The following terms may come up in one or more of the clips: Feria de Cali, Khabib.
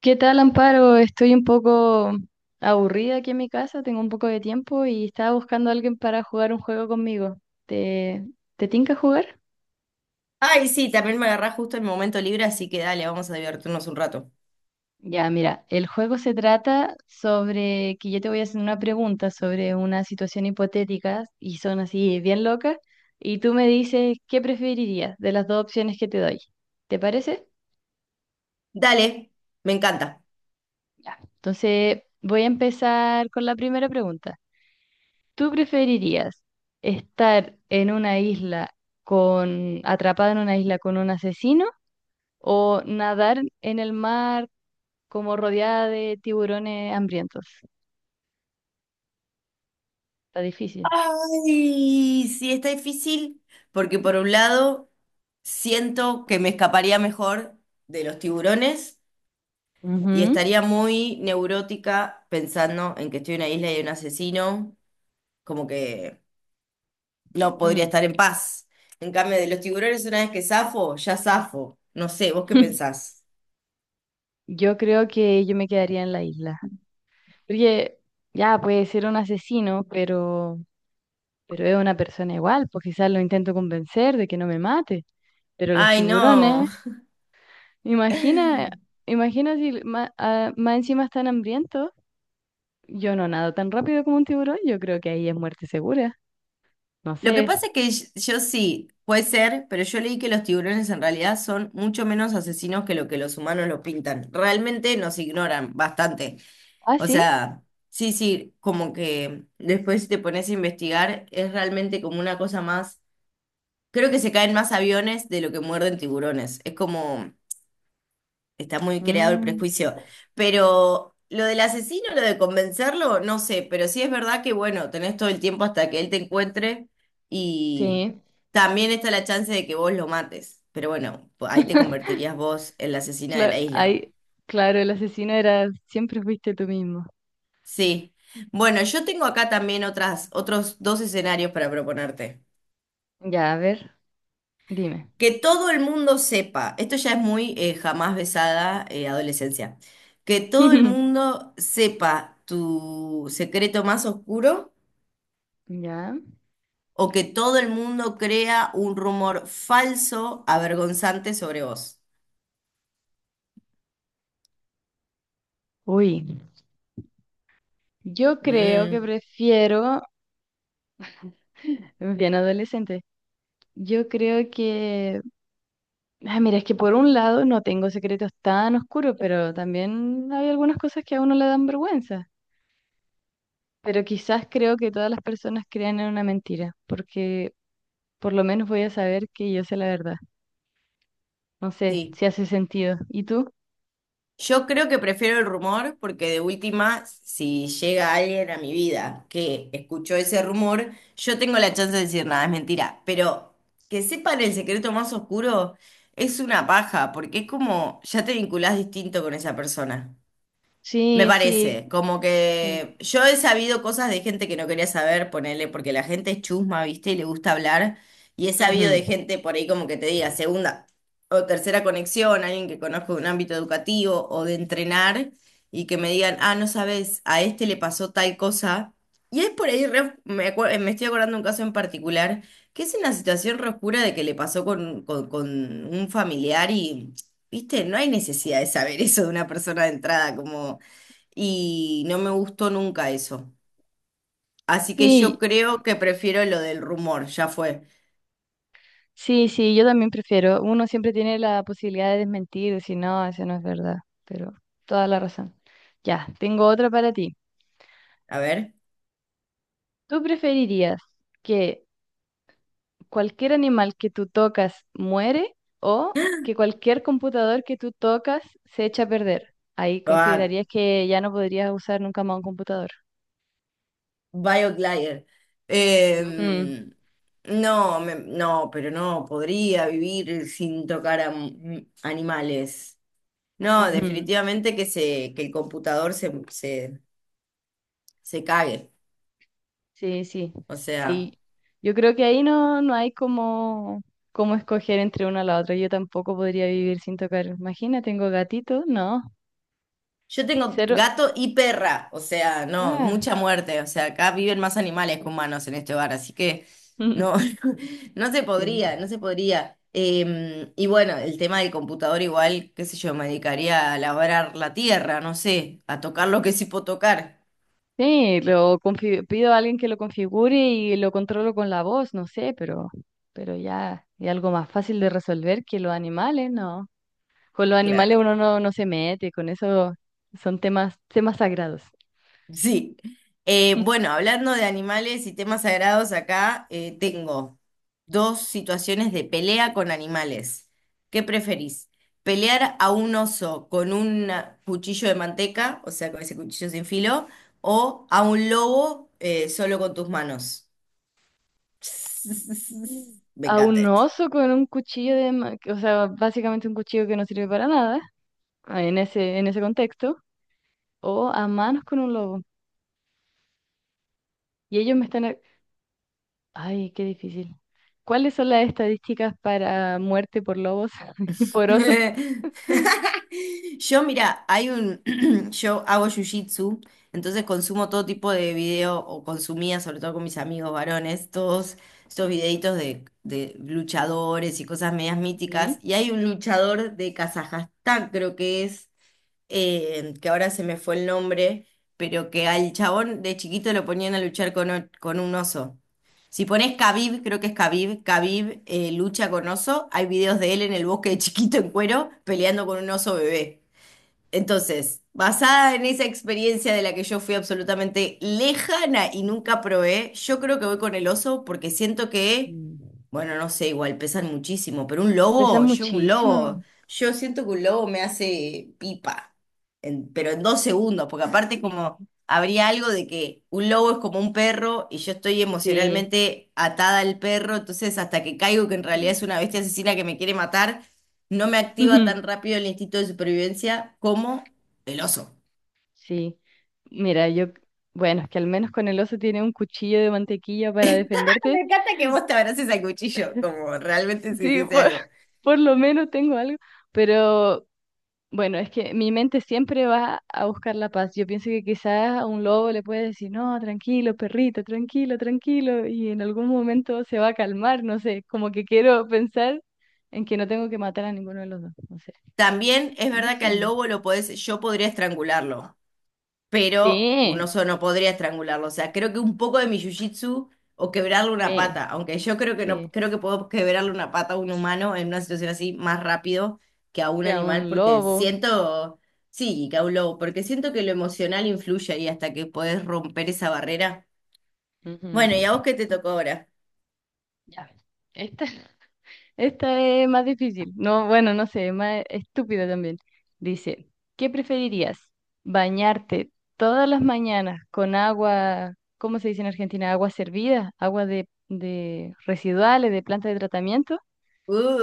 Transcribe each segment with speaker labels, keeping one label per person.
Speaker 1: ¿Qué tal, Amparo? Estoy un poco aburrida aquí en mi casa, tengo un poco de tiempo y estaba buscando a alguien para jugar un juego conmigo. ¿Te, te tinca jugar?
Speaker 2: Ay, sí, también me agarrás justo el momento libre, así que dale, vamos a divertirnos un rato.
Speaker 1: Ya, mira, el juego se trata sobre que yo te voy a hacer una pregunta sobre una situación hipotética y son así bien locas y tú me dices qué preferirías de las dos opciones que te doy. ¿Te parece?
Speaker 2: Dale, me encanta.
Speaker 1: Ya. Entonces voy a empezar con la primera pregunta. ¿Tú preferirías estar en una isla con, atrapada en una isla con un asesino o nadar en el mar como rodeada de tiburones hambrientos? Está difícil.
Speaker 2: Ay, sí, está difícil, porque por un lado siento que me escaparía mejor de los tiburones y
Speaker 1: Ujú,
Speaker 2: estaría muy neurótica pensando en que estoy en una isla y hay un asesino, como que no podría
Speaker 1: ujú.
Speaker 2: estar en paz. En cambio, de los tiburones, una vez que zafo, ya zafo. No sé, ¿vos qué pensás?
Speaker 1: Yo creo que yo me quedaría en la isla. Porque ya puede ser un asesino, pero es una persona igual, pues quizás lo intento convencer de que no me mate. Pero los
Speaker 2: Ay,
Speaker 1: tiburones.
Speaker 2: no.
Speaker 1: Imagina, imagina si ma- ah, más encima están hambrientos. Yo no nado tan rápido como un tiburón, yo creo que ahí es muerte segura. No
Speaker 2: Lo que
Speaker 1: sé.
Speaker 2: pasa es que yo sí, puede ser, pero yo leí que los tiburones en realidad son mucho menos asesinos que lo que los humanos lo pintan. Realmente nos ignoran bastante.
Speaker 1: Ah,
Speaker 2: O
Speaker 1: sí.
Speaker 2: sea, sí, sí, como que después si te pones a investigar, es realmente como una cosa más. Creo que se caen más aviones de lo que muerden tiburones. Es como, está muy creado el
Speaker 1: Mm,
Speaker 2: prejuicio. Pero lo del asesino, lo de convencerlo, no sé. Pero sí es verdad que, bueno, tenés todo el tiempo hasta que él te encuentre y
Speaker 1: sí.
Speaker 2: también está la chance de que vos lo mates. Pero bueno, ahí te convertirías vos en la asesina de la
Speaker 1: Claro.
Speaker 2: isla.
Speaker 1: Ahí, claro, el asesino era, siempre fuiste tú mismo.
Speaker 2: Sí. Bueno, yo tengo acá también otros dos escenarios para proponerte.
Speaker 1: Ya, a ver, dime.
Speaker 2: Que todo el mundo sepa, esto ya es muy jamás besada adolescencia, que todo el mundo sepa tu secreto más oscuro
Speaker 1: Ya.
Speaker 2: o que todo el mundo crea un rumor falso, avergonzante sobre vos.
Speaker 1: Uy, yo creo que
Speaker 2: Mm,
Speaker 1: prefiero, bien adolescente, yo creo que... Ah, mira, es que por un lado no tengo secretos tan oscuros, pero también hay algunas cosas que a uno le dan vergüenza. Pero quizás creo que todas las personas crean en una mentira, porque por lo menos voy a saber que yo sé la verdad. No sé
Speaker 2: sí.
Speaker 1: si hace sentido. ¿Y tú?
Speaker 2: Yo creo que prefiero el rumor porque de última, si llega alguien a mi vida que escuchó ese rumor, yo tengo la chance de decir nada, es mentira. Pero que sepan el secreto más oscuro es una paja, porque es como ya te vinculás distinto con esa persona. Me
Speaker 1: Sí, sí,
Speaker 2: parece, como
Speaker 1: sí.
Speaker 2: que yo he sabido cosas de gente que no quería saber, ponele, porque la gente es chusma, ¿viste? Y le gusta hablar. Y he sabido
Speaker 1: Ujú.
Speaker 2: de gente por ahí como que te diga segunda o tercera conexión, alguien que conozco de un ámbito educativo o de entrenar, y que me digan, ah, no sabes, a este le pasó tal cosa. Y es por ahí, me estoy acordando de un caso en particular, que es una situación re oscura de que le pasó con un familiar y, ¿viste? No hay necesidad de saber eso de una persona de entrada, como y no me gustó nunca eso. Así que yo
Speaker 1: Sí,
Speaker 2: creo que prefiero lo del rumor, ya fue.
Speaker 1: sí, sí, yo también prefiero. Uno siempre tiene la posibilidad de desmentir, decir, no, eso no es verdad, pero toda la razón. Ya, tengo otra para ti.
Speaker 2: A ver,
Speaker 1: ¿Tú preferirías que cualquier animal que tú tocas muere o que cualquier computador que tú tocas se echa a perder? Ahí
Speaker 2: va,
Speaker 1: considerarías que ya no podrías usar nunca más un computador.
Speaker 2: BioGlide.
Speaker 1: Ujú,
Speaker 2: Em, no, no, pero no, podría vivir sin tocar a animales. No,
Speaker 1: ujú.
Speaker 2: definitivamente que el computador se cague.
Speaker 1: Sí, sí,
Speaker 2: O sea.
Speaker 1: sí. Yo creo que ahí no, como escoger entre una a la otra. Yo tampoco podría vivir sin tocar. Imagina, tengo gatito, no.
Speaker 2: Yo tengo
Speaker 1: Cero.
Speaker 2: gato y perra, o sea, no,
Speaker 1: Ah.
Speaker 2: mucha muerte, o sea, acá viven más animales que humanos en este hogar, así que no, no se podría,
Speaker 1: Sí.
Speaker 2: no se podría. Y bueno, el tema del computador igual, qué sé yo, me dedicaría a labrar la tierra, no sé, a tocar lo que sí puedo tocar.
Speaker 1: Sí, lo pido a alguien que lo configure y lo controlo con la voz, no sé, pero ya es algo más fácil de resolver que los animales, ¿no? Con los animales
Speaker 2: Claro.
Speaker 1: uno no, no se mete, con eso son temas sagrados.
Speaker 2: Sí. Eh, bueno, hablando de animales y temas sagrados acá, tengo dos situaciones de pelea con animales. ¿Qué preferís? ¿Pelear a un oso con un cuchillo de manteca, o sea, con ese cuchillo sin filo, o a un lobo solo con tus manos? Me
Speaker 1: A
Speaker 2: encanta
Speaker 1: un oso con un cuchillo o sea, básicamente un cuchillo que no sirve para nada, ah, en ese contexto, o a manos con un lobo. Y ellos me están... a-. Ay, qué difícil. ¿Cuáles son las estadísticas para muerte por lobos y por osos?
Speaker 2: Yo, mira, yo hago jiu-jitsu, entonces consumo todo tipo de video, o consumía, sobre todo con mis amigos varones, todos estos videitos de luchadores y cosas medias míticas.
Speaker 1: Ujú.
Speaker 2: Y hay un luchador de Kazajstán, creo que es, que ahora se me fue el nombre, pero que al chabón de chiquito lo ponían a luchar con un oso. Si pones Khabib, creo que es Khabib, Khabib lucha con oso, hay videos de él en el bosque de chiquito en cuero peleando con un oso bebé. Entonces, basada en esa experiencia de la que yo fui absolutamente lejana y nunca probé, yo creo que voy con el oso porque siento que,
Speaker 1: Mm.
Speaker 2: bueno, no sé, igual pesan muchísimo, pero un
Speaker 1: Pesa
Speaker 2: lobo, yo un
Speaker 1: muchísimo.
Speaker 2: lobo, yo siento que un lobo me hace pipa, pero en 2 segundos, porque aparte como habría algo de que un lobo es como un perro y yo estoy
Speaker 1: Sí.
Speaker 2: emocionalmente atada al perro, entonces hasta que caigo que en realidad
Speaker 1: Ujú.
Speaker 2: es una bestia asesina que me quiere matar no me activa tan rápido el instinto de supervivencia como el oso.
Speaker 1: Sí, mira, yo, bueno, es que al menos con el oso tiene un cuchillo de mantequilla para
Speaker 2: Me
Speaker 1: defenderte.
Speaker 2: encanta que vos te abraces al cuchillo, como realmente si
Speaker 1: Sí,
Speaker 2: hiciese
Speaker 1: por,
Speaker 2: algo.
Speaker 1: por lo menos tengo algo, pero bueno, es que mi mente siempre va a buscar la paz. Yo pienso que quizás a un lobo le puede decir, no, tranquilo, perrito, tranquilo, tranquilo, y en algún momento se va a calmar, no sé, como que quiero pensar en que no tengo que matar a ninguno de los dos, no sé.
Speaker 2: También es verdad que al
Speaker 1: Difícil.
Speaker 2: lobo lo podés, yo podría estrangularlo, pero un
Speaker 1: Sí,
Speaker 2: oso no podría estrangularlo. O sea, creo que un poco de mi jiu-jitsu o quebrarle una
Speaker 1: sí,
Speaker 2: pata, aunque yo creo que no,
Speaker 1: sí.
Speaker 2: creo que puedo quebrarle una pata a un humano en una situación así más rápido que a un
Speaker 1: Queda
Speaker 2: animal,
Speaker 1: un
Speaker 2: porque
Speaker 1: lobo.
Speaker 2: siento, sí, que a un lobo, porque siento que lo emocional influye ahí hasta que podés romper esa barrera.
Speaker 1: Ujú.
Speaker 2: Bueno, ¿y a vos qué te tocó ahora?
Speaker 1: Ya ves. Esta, esta es más difícil. No, bueno, no sé, es más estúpida también. Dice, ¿qué preferirías? ¿Bañarte todas las mañanas con agua? ¿Cómo se dice en Argentina? Agua servida, agua de residuales, de planta de tratamiento.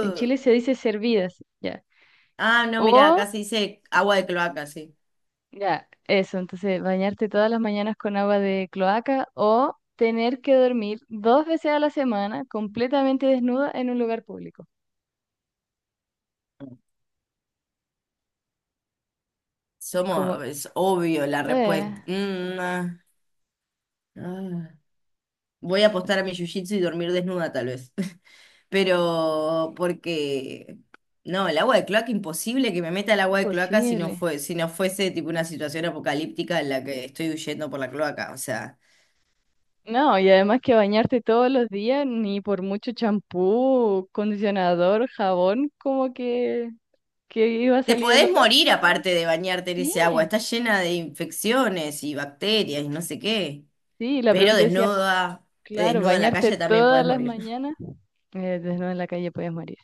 Speaker 1: En Chile se dice servidas, ya.
Speaker 2: Ah, no, mira,
Speaker 1: O...
Speaker 2: acá se dice agua de cloaca, sí.
Speaker 1: Ya, eso, entonces bañarte todas las mañanas con agua de cloaca o tener que dormir 2 veces a la semana completamente desnuda en un lugar público. Es como,
Speaker 2: Es obvio la
Speaker 1: eh,
Speaker 2: respuesta. Mm, ah, ah. Voy a apostar a mi jiu-jitsu y dormir desnuda, tal vez. Pero porque no, el agua de cloaca imposible que me meta el agua de cloaca
Speaker 1: imposible.
Speaker 2: si no fuese tipo una situación apocalíptica en la que estoy huyendo por la cloaca, o sea,
Speaker 1: No, y además que bañarte todos los días, ni por mucho champú, condicionador, jabón, como que iba a
Speaker 2: te
Speaker 1: salir el
Speaker 2: podés
Speaker 1: olor.
Speaker 2: morir
Speaker 1: Po.
Speaker 2: aparte de bañarte en
Speaker 1: Sí,
Speaker 2: ese agua, está llena de infecciones y bacterias y no sé qué.
Speaker 1: sí, la
Speaker 2: Pero
Speaker 1: pregunta decía,
Speaker 2: desnuda,
Speaker 1: claro,
Speaker 2: desnuda en la
Speaker 1: bañarte
Speaker 2: calle también
Speaker 1: todas
Speaker 2: podés
Speaker 1: las
Speaker 2: morir.
Speaker 1: mañanas, desnuda en la calle podías morir.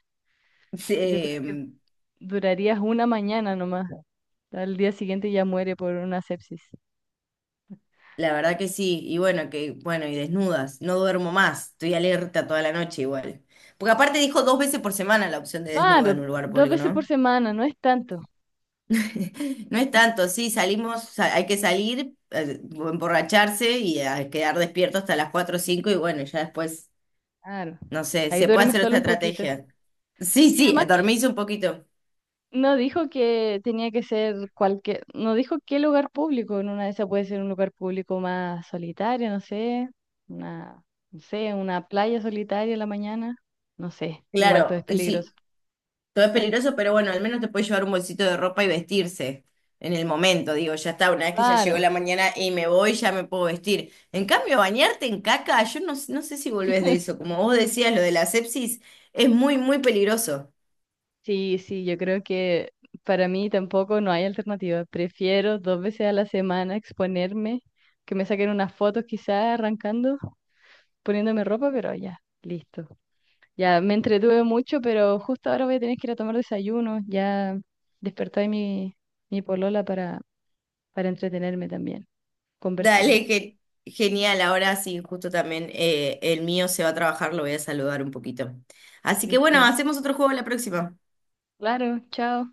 Speaker 2: Sí,
Speaker 1: Yo creo que...
Speaker 2: em,
Speaker 1: Durarías una mañana nomás. Al día siguiente ya muere por una sepsis.
Speaker 2: la verdad que sí. Y bueno, que, bueno, y desnudas. No duermo más. Estoy alerta toda la noche igual. Porque aparte dijo 2 veces por semana la opción de desnuda en
Speaker 1: Claro,
Speaker 2: un lugar
Speaker 1: dos
Speaker 2: público,
Speaker 1: veces por
Speaker 2: ¿no?
Speaker 1: semana, no es tanto.
Speaker 2: No es tanto, sí, salimos, hay que salir, emborracharse y a quedar despierto hasta las 4 o 5. Y bueno, ya después,
Speaker 1: Claro.
Speaker 2: no sé,
Speaker 1: Ahí
Speaker 2: se puede
Speaker 1: duerme
Speaker 2: hacer
Speaker 1: solo
Speaker 2: otra
Speaker 1: un poquito.
Speaker 2: estrategia. Sí,
Speaker 1: Y
Speaker 2: sí,
Speaker 1: además que
Speaker 2: dormís un poquito.
Speaker 1: no dijo que tenía que ser cualquier, no dijo qué lugar público. En una de esas puede ser un lugar público más solitario, no sé, una, no sé, una playa solitaria en la mañana. No sé, igual todo
Speaker 2: Claro,
Speaker 1: es
Speaker 2: y
Speaker 1: peligroso.
Speaker 2: sí, todo es peligroso, pero bueno, al menos te puedes llevar un bolsito de ropa y vestirse en el momento. Digo, ya está, una vez que ya llegó
Speaker 1: Claro.
Speaker 2: la mañana y me voy, ya me puedo vestir. En cambio, bañarte en caca, yo no, no sé si volvés de eso. Como vos decías, lo de la sepsis es muy, muy peligroso.
Speaker 1: Sí, sí, yo creo que para mí tampoco no hay alternativa. Prefiero 2 veces a la semana exponerme, que me saquen unas fotos quizás arrancando, poniéndome ropa, pero ya, listo. Ya me entretuve mucho, pero justo ahora voy a tener que ir a tomar desayuno. Ya despertó ahí mi, mi polola para entretenerme también, conversarme.
Speaker 2: Dale, que genial. Ahora sí, justo también el mío se va a trabajar, lo voy a saludar un poquito. Así que bueno,
Speaker 1: Listo.
Speaker 2: hacemos otro juego la próxima.
Speaker 1: Claro, chao.